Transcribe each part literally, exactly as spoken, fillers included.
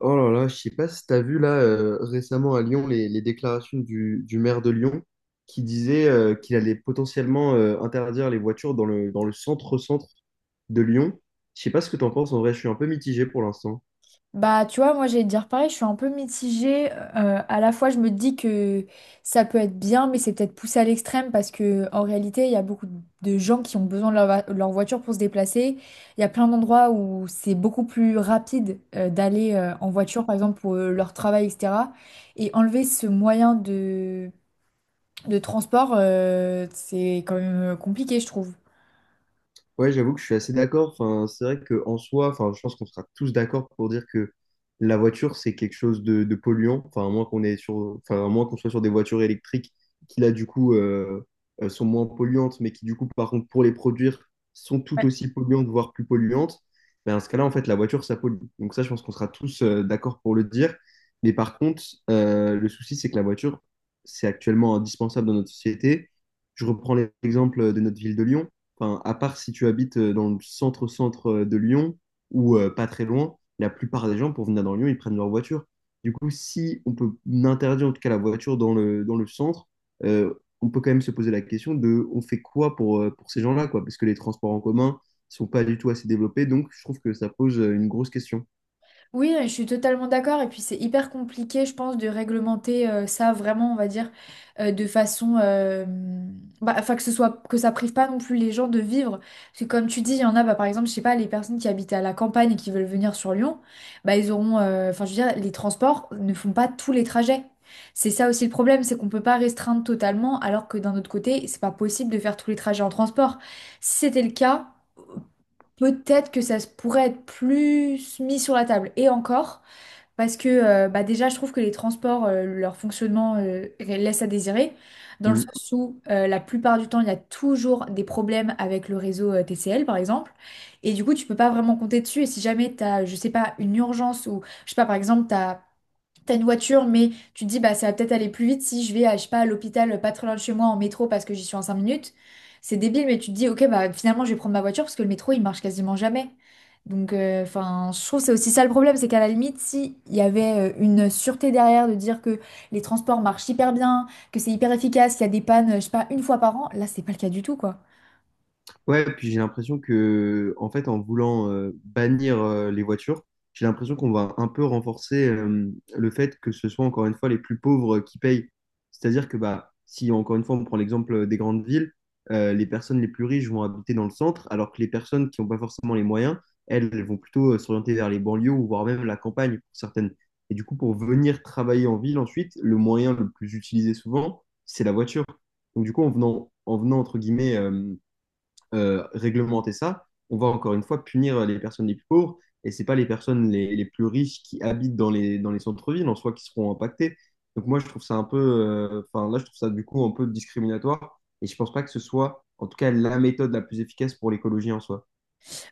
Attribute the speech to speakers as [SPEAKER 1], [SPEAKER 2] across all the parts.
[SPEAKER 1] Oh là là, je sais pas si tu as vu là, euh, récemment à Lyon les, les déclarations du, du maire de Lyon qui disait, euh, qu'il allait potentiellement euh, interdire les voitures dans le, dans le centre-centre de Lyon. Je sais pas ce que tu en penses, en vrai, je suis un peu mitigé pour l'instant.
[SPEAKER 2] Bah, tu vois, moi, j'allais te dire pareil, je suis un peu mitigée. Euh, à la fois, je me dis que ça peut être bien, mais c'est peut-être poussé à l'extrême parce que en réalité, il y a beaucoup de gens qui ont besoin de leur, va- leur voiture pour se déplacer. Il y a plein d'endroits où c'est beaucoup plus rapide euh, d'aller euh, en voiture, par exemple, pour euh, leur travail, et cetera. Et enlever ce moyen de, de transport, euh, c'est quand même euh, compliqué, je trouve.
[SPEAKER 1] Ouais, j'avoue que je suis assez d'accord. Enfin, c'est vrai qu'en soi, enfin, je pense qu'on sera tous d'accord pour dire que la voiture, c'est quelque chose de, de polluant. Enfin, à moins qu'on est sur, enfin, à moins qu'on soit sur des voitures électriques qui, là, du coup, euh, euh, sont moins polluantes, mais qui, du coup, par contre, pour les produire, sont tout aussi polluantes, voire plus polluantes. Ben, dans ce cas-là, en fait, la voiture, ça pollue. Donc ça, je pense qu'on sera tous euh, d'accord pour le dire. Mais par contre, euh, le souci, c'est que la voiture, c'est actuellement indispensable dans notre société. Je reprends l'exemple de notre ville de Lyon. Enfin, à part si tu habites euh, dans le centre-centre euh, de Lyon ou euh, pas très loin, la plupart des gens, pour venir dans Lyon, ils prennent leur voiture. Du coup, si on peut interdire en tout cas la voiture dans le, dans le centre, euh, on peut quand même se poser la question de on fait quoi pour, euh, pour ces gens-là, quoi, parce que les transports en commun sont pas du tout assez développés, donc je trouve que ça pose euh, une grosse question.
[SPEAKER 2] Oui, euh, je suis totalement d'accord. Et puis c'est hyper compliqué, je pense, de réglementer euh, ça vraiment, on va dire, euh, de façon, euh, bah, enfin que ce soit que ça prive pas non plus les gens de vivre. Parce que comme tu dis, il y en a, bah, par exemple, je sais pas, les personnes qui habitent à la campagne et qui veulent venir sur Lyon, bah ils auront, euh, enfin je veux dire, les transports ne font pas tous les trajets. C'est ça aussi le problème, c'est qu'on peut pas restreindre totalement, alors que d'un autre côté, c'est pas possible de faire tous les trajets en transport. Si c'était le cas peut-être que ça se pourrait être plus mis sur la table. Et encore, parce que euh, bah déjà, je trouve que les transports, euh, leur fonctionnement euh, laisse à désirer, dans le sens où euh, la plupart du temps, il y a toujours des problèmes avec le réseau euh, T C L, par exemple. Et du coup, tu peux pas vraiment compter dessus. Et si jamais tu as, je sais pas, une urgence ou, je sais pas, par exemple, tu as T'as une voiture, mais tu te dis, bah, ça va peut-être aller plus vite si je vais, à, je sais pas, à l'hôpital pas très loin de chez moi en métro parce que j'y suis en cinq minutes. C'est débile, mais tu te dis, ok, bah, finalement, je vais prendre ma voiture parce que le métro, il marche quasiment jamais. Donc, euh, enfin, je trouve que c'est aussi ça le problème, c'est qu'à la limite, si il y avait euh, une sûreté derrière de dire que les transports marchent hyper bien, que c'est hyper efficace, qu'il y a des pannes, euh, je sais pas, une fois par an, là, c'est pas le cas du tout, quoi.
[SPEAKER 1] Ouais, puis j'ai l'impression que, en fait, en voulant euh, bannir euh, les voitures, j'ai l'impression qu'on va un peu renforcer euh, le fait que ce soit encore une fois les plus pauvres euh, qui payent. C'est-à-dire que, bah, si encore une fois on prend l'exemple euh, des grandes villes, euh, les personnes les plus riches vont habiter dans le centre, alors que les personnes qui n'ont pas forcément les moyens, elles, elles vont plutôt euh, s'orienter vers les banlieues ou voire même la campagne pour certaines. Et du coup, pour venir travailler en ville ensuite, le moyen le plus utilisé souvent, c'est la voiture. Donc du coup, en venant, en venant entre guillemets euh, réglementer ça, on va encore une fois punir les personnes les plus pauvres et c'est pas les personnes les, les, plus riches qui habitent dans les, dans les centres-villes en soi qui seront impactées. Donc moi, je trouve ça un peu, enfin, euh, enfin, là, je trouve ça du coup un peu discriminatoire et je ne pense pas que ce soit, en tout cas, la méthode la plus efficace pour l'écologie en soi.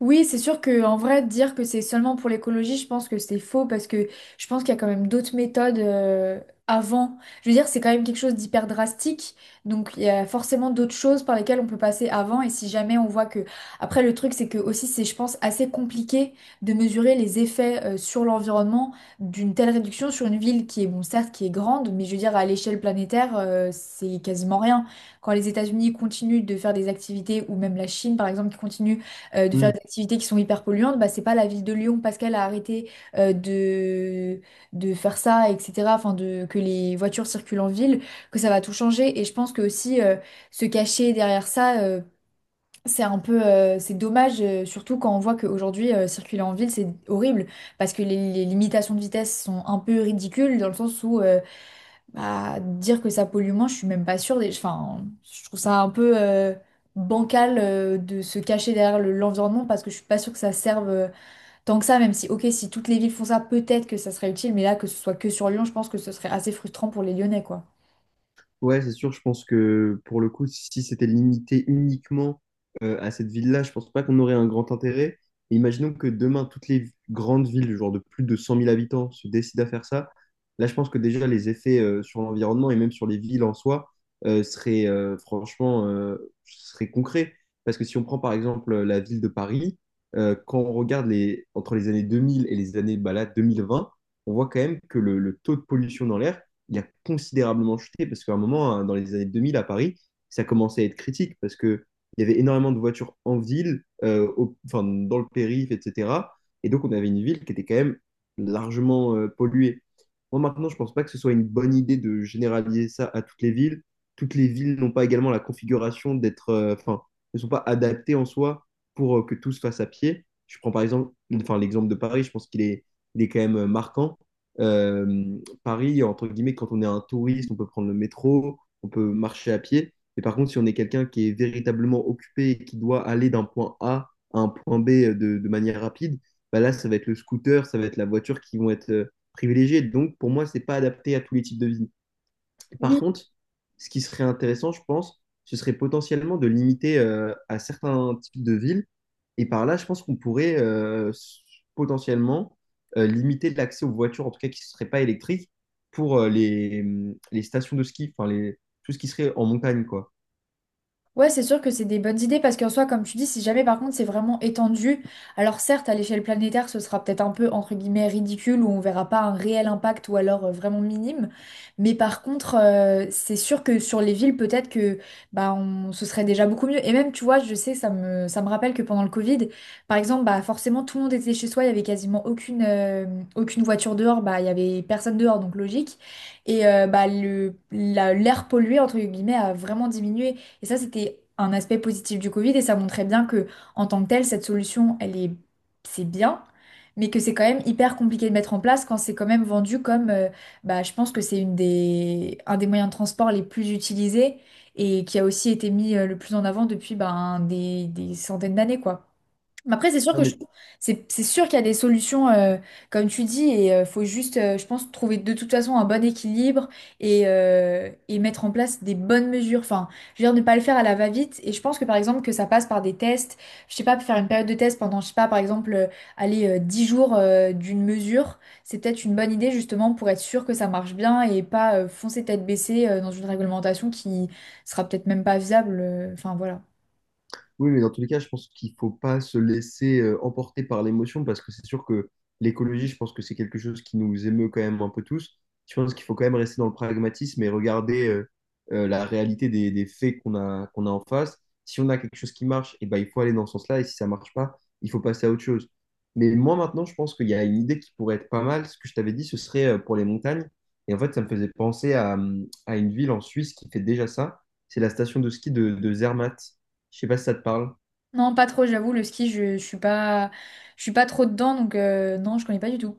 [SPEAKER 2] Oui, c'est sûr que en vrai, dire que c'est seulement pour l'écologie, je pense que c'est faux parce que je pense qu'il y a quand même d'autres méthodes euh, avant. Je veux dire, c'est quand même quelque chose d'hyper drastique, donc il y a forcément d'autres choses par lesquelles on peut passer avant. Et si jamais on voit que, après, le truc, c'est que aussi, c'est, je pense, assez compliqué de mesurer les effets euh, sur l'environnement d'une telle réduction sur une ville qui est, bon, certes, qui est grande, mais je veux dire, à l'échelle planétaire, euh, c'est quasiment rien. Quand les États-Unis continuent de faire des activités, ou même la Chine, par exemple, qui continue euh, de faire
[SPEAKER 1] Mmh.
[SPEAKER 2] des activités qui sont hyper polluantes, bah, c'est pas la ville de Lyon parce qu'elle a arrêté euh, de, de faire ça, et cetera. Enfin, de, que les voitures circulent en ville, que ça va tout changer. Et je pense que aussi euh, se cacher derrière ça, euh, c'est un peu, euh, c'est dommage, euh, surtout quand on voit qu'aujourd'hui, euh, circuler en ville, c'est horrible parce que les, les limitations de vitesse sont un peu ridicules dans le sens où euh, bah, dire que ça pollue moins, je suis même pas sûre. des- Enfin, je trouve ça un peu euh, bancal euh, de se cacher derrière le- l'environnement parce que je suis pas sûre que ça serve euh, tant que ça, même si, ok, si toutes les villes font ça, peut-être que ça serait utile, mais là, que ce soit que sur Lyon, je pense que ce serait assez frustrant pour les Lyonnais, quoi.
[SPEAKER 1] Ouais, c'est sûr, je pense que pour le coup, si c'était limité uniquement euh, à cette ville-là, je pense pas qu'on aurait un grand intérêt. Et imaginons que demain, toutes les grandes villes, genre de plus de cent mille habitants, se décident à faire ça. Là, je pense que déjà, les effets euh, sur l'environnement et même sur les villes en soi euh, seraient euh, franchement euh, seraient concrets. Parce que si on prend par exemple euh, la ville de Paris, euh, quand on regarde les, entre les années deux mille et les années bah, là, deux mille vingt, on voit quand même que le, le taux de pollution dans l'air, il a considérablement chuté parce qu'à un moment, hein, dans les années deux mille à Paris, ça commençait à être critique parce que il y avait énormément de voitures en ville, euh, au- enfin, dans le périph', et cetera. Et donc, on avait une ville qui était quand même largement euh, polluée. Moi, maintenant, je pense pas que ce soit une bonne idée de généraliser ça à toutes les villes. Toutes les villes n'ont pas également la configuration d'être, euh, enfin, ne sont pas adaptées en soi pour euh, que tout se fasse à pied. Je prends par exemple, enfin, l'exemple de Paris, je pense qu'il est, il est quand même euh, marquant. Euh, Paris, entre guillemets, quand on est un touriste, on peut prendre le métro, on peut marcher à pied. Et par contre, si on est quelqu'un qui est véritablement occupé et qui doit aller d'un point A à un point B, euh, de, de manière rapide, bah là, ça va être le scooter, ça va être la voiture qui vont être euh, privilégiées. Donc, pour moi, c'est pas adapté à tous les types de vie. Par contre, ce qui serait intéressant, je pense, ce serait potentiellement de limiter euh, à certains types de villes et par là, je pense qu'on pourrait euh, s- potentiellement euh, limiter l'accès aux voitures, en tout cas qui ne seraient pas électriques, pour euh, les, les stations de ski, enfin les, tout ce qui serait en montagne, quoi.
[SPEAKER 2] Ouais, c'est sûr que c'est des bonnes idées parce qu'en soi, comme tu dis, si jamais par contre c'est vraiment étendu, alors certes à l'échelle planétaire ce sera peut-être un peu entre guillemets ridicule où on verra pas un réel impact ou alors euh, vraiment minime, mais par contre euh, c'est sûr que sur les villes peut-être que bah on, ce serait déjà beaucoup mieux et même tu vois je sais ça me ça me rappelle que pendant le Covid par exemple bah forcément tout le monde était chez soi il y avait quasiment aucune euh, aucune voiture dehors bah il y avait personne dehors donc logique et euh, bah le la- l'air pollué entre guillemets a vraiment diminué et ça, c'était un aspect positif du Covid et ça montrait bien que, en tant que telle, cette solution, elle est, c'est bien, mais que c'est quand même hyper compliqué de mettre en place quand c'est quand même vendu comme, euh, bah, je pense que c'est une des, un des moyens de transport les plus utilisés et qui a aussi été mis euh, le plus en avant depuis, ben, des, des centaines d'années, quoi. Mais après, c'est sûr
[SPEAKER 1] Non,
[SPEAKER 2] que je
[SPEAKER 1] mais.
[SPEAKER 2] trouve- c'est c'est sûr qu'il y a des solutions, euh, comme tu dis, et euh, faut juste, euh, je pense, trouver de toute façon un bon équilibre et, euh, et mettre en place des bonnes mesures. Enfin, je veux dire, ne pas le faire à la va-vite. Et je pense que, par exemple, que ça passe par des tests. Je sais pas, faire une période de test pendant, je sais pas, par exemple, euh, aller euh, dix jours euh, d'une mesure, c'est peut-être une bonne idée, justement, pour être sûr que ça marche bien et pas euh, foncer tête baissée euh, dans une réglementation qui sera peut-être même pas viable. euh, Enfin, voilà.
[SPEAKER 1] Oui, mais dans tous les cas, je pense qu'il faut pas se laisser euh, emporter par l'émotion parce que c'est sûr que l'écologie, je pense que c'est quelque chose qui nous émeut quand même un peu tous. Je pense qu'il faut quand même rester dans le pragmatisme et regarder euh, euh, la réalité des, des faits qu'on a, qu'on a en face. Si on a quelque chose qui marche, eh ben, il faut aller dans ce sens-là et si ça marche pas, il faut passer à autre chose. Mais moi, maintenant, je pense qu'il y a une idée qui pourrait être pas mal. Ce que je t'avais dit, ce serait euh, pour les montagnes. Et en fait, ça me faisait penser à, hum, à une ville en Suisse qui fait déjà ça. C'est la station de ski de, de Zermatt. Je sais pas si ça te parle.
[SPEAKER 2] Non, pas trop, j'avoue, le ski, je, je suis pas, je suis pas trop dedans, donc euh, non, je connais pas du tout.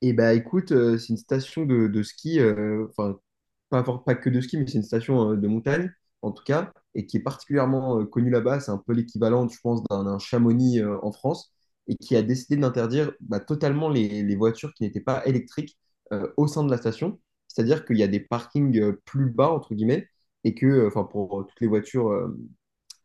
[SPEAKER 1] Et bah écoute, euh, c'est une station de, de ski, euh, enfin pas, for- pas que de ski, mais c'est une station euh, de montagne en tout cas, et qui est particulièrement euh, connue là-bas. C'est un peu l'équivalent, je pense, d'un d'un Chamonix euh, en France, et qui a décidé d'interdire bah, totalement les, les voitures qui n'étaient pas électriques euh, au sein de la station. C'est-à-dire qu'il y a des parkings euh, plus bas, entre guillemets, et que, euh, enfin pour euh, toutes les voitures euh,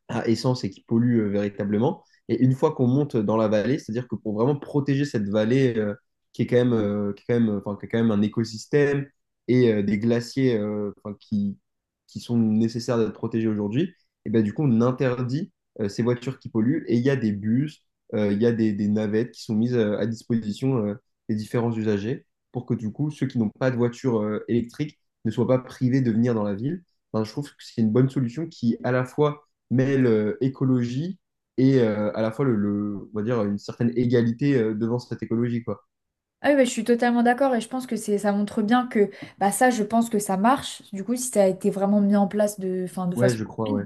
[SPEAKER 1] à essence et qui pollue euh, véritablement. Et une fois qu'on monte dans la vallée, c'est-à-dire que pour vraiment protéger cette vallée, euh, qui est quand même, euh, qui est quand même, enfin, qui est quand même un écosystème et euh, des glaciers, euh, enfin, qui, qui sont nécessaires d'être protégés aujourd'hui, et ben, du coup, on interdit euh, ces voitures qui polluent et il y a des bus, euh, il y a des, des navettes qui sont mises euh, à disposition euh, des différents usagers pour que du coup, ceux qui n'ont pas de voiture euh, électrique ne soient pas privés de venir dans la ville. Enfin, je trouve que c'est une bonne solution qui, à la fois, mêle euh, écologie et euh, à la fois le, le- on va dire une certaine égalité euh, devant cette écologie, quoi.
[SPEAKER 2] Ah oui, bah, je suis totalement d'accord et je pense que c'est, ça montre bien que bah, ça, je pense que ça marche. Du coup, si ça a été vraiment mis en place de, enfin, de
[SPEAKER 1] Ouais,
[SPEAKER 2] façon.
[SPEAKER 1] je crois, ouais.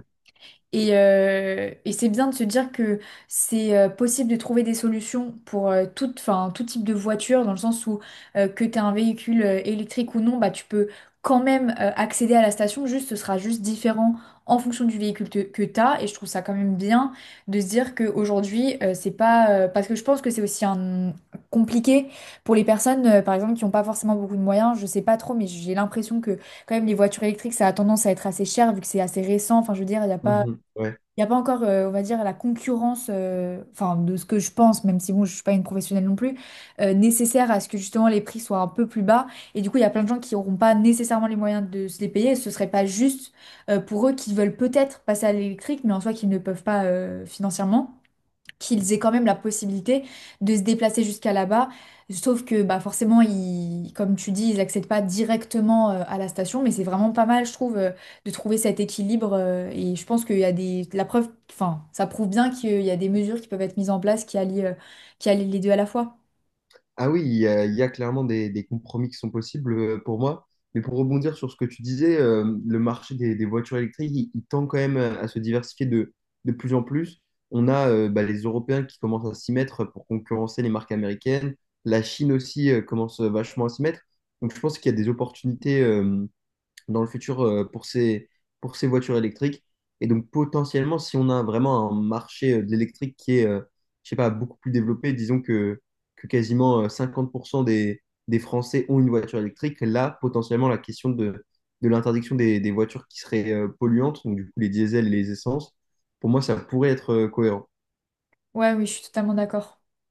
[SPEAKER 2] Et, euh, et c'est bien de se dire que c'est euh, possible de trouver des solutions pour euh, toute, enfin, tout type de voiture, dans le sens où euh, que tu un véhicule euh, électrique ou non, bah, tu peux quand même euh, accéder à la station, juste ce sera juste différent en fonction du véhicule te- que tu as. Et je trouve ça quand même bien de se dire qu'aujourd'hui, euh, c'est pas... euh, parce que je pense que c'est aussi un... compliqué pour les personnes, euh, par exemple, qui n'ont pas forcément beaucoup de moyens. Je sais pas trop, mais j'ai l'impression que quand même les voitures électriques, ça a tendance à être assez cher vu que c'est assez récent. Enfin, je veux dire, il n'y a pas...
[SPEAKER 1] Mhm, ouais.
[SPEAKER 2] Il n'y a pas encore, euh, on va dire, la concurrence, euh, enfin, de ce que je pense, même si bon, je suis pas une professionnelle non plus, euh, nécessaire à ce que justement les prix soient un peu plus bas. Et du coup, il y a plein de gens qui n'auront pas nécessairement les moyens de se les payer. Ce serait pas juste euh, pour eux qui veulent peut-être passer à l'électrique, mais en soi qui ne peuvent pas euh, financièrement qu'ils aient quand même la possibilité de se déplacer jusqu'à là-bas. Sauf que bah forcément, ils, comme tu dis, ils n'accèdent pas directement euh, à la station, mais c'est vraiment pas mal, je trouve, euh, de trouver cet équilibre. Euh, et je pense qu'il y a des... La preuve, enfin, ça prouve bien qu'il y a des mesures qui peuvent être mises en place qui allient, euh, qui allient les deux à la fois.
[SPEAKER 1] Ah oui, il y a, il y a clairement des, des compromis qui sont possibles euh, pour moi. Mais pour rebondir sur ce que tu disais, euh, le marché des, des voitures électriques, il, il tend quand même euh, à se diversifier de, de plus en plus. On a euh, bah, les Européens qui commencent à s'y mettre pour concurrencer les marques américaines. La Chine aussi euh, commence euh, vachement à s'y mettre. Donc je pense qu'il y a des opportunités euh, dans le futur euh, pour ces, pour ces voitures électriques. Et donc potentiellement, si on a vraiment un marché euh, de l'électrique qui est, euh, je sais pas, beaucoup plus développé, disons que, que quasiment euh, cinquante pour cent des, des Français ont une voiture électrique, là, potentiellement, la question de, de l'interdiction des, des voitures qui seraient euh, polluantes, donc du coup les diesels et les essences, pour moi, ça pourrait être euh, cohérent.
[SPEAKER 2] Ouais, oui, je suis totalement d'accord.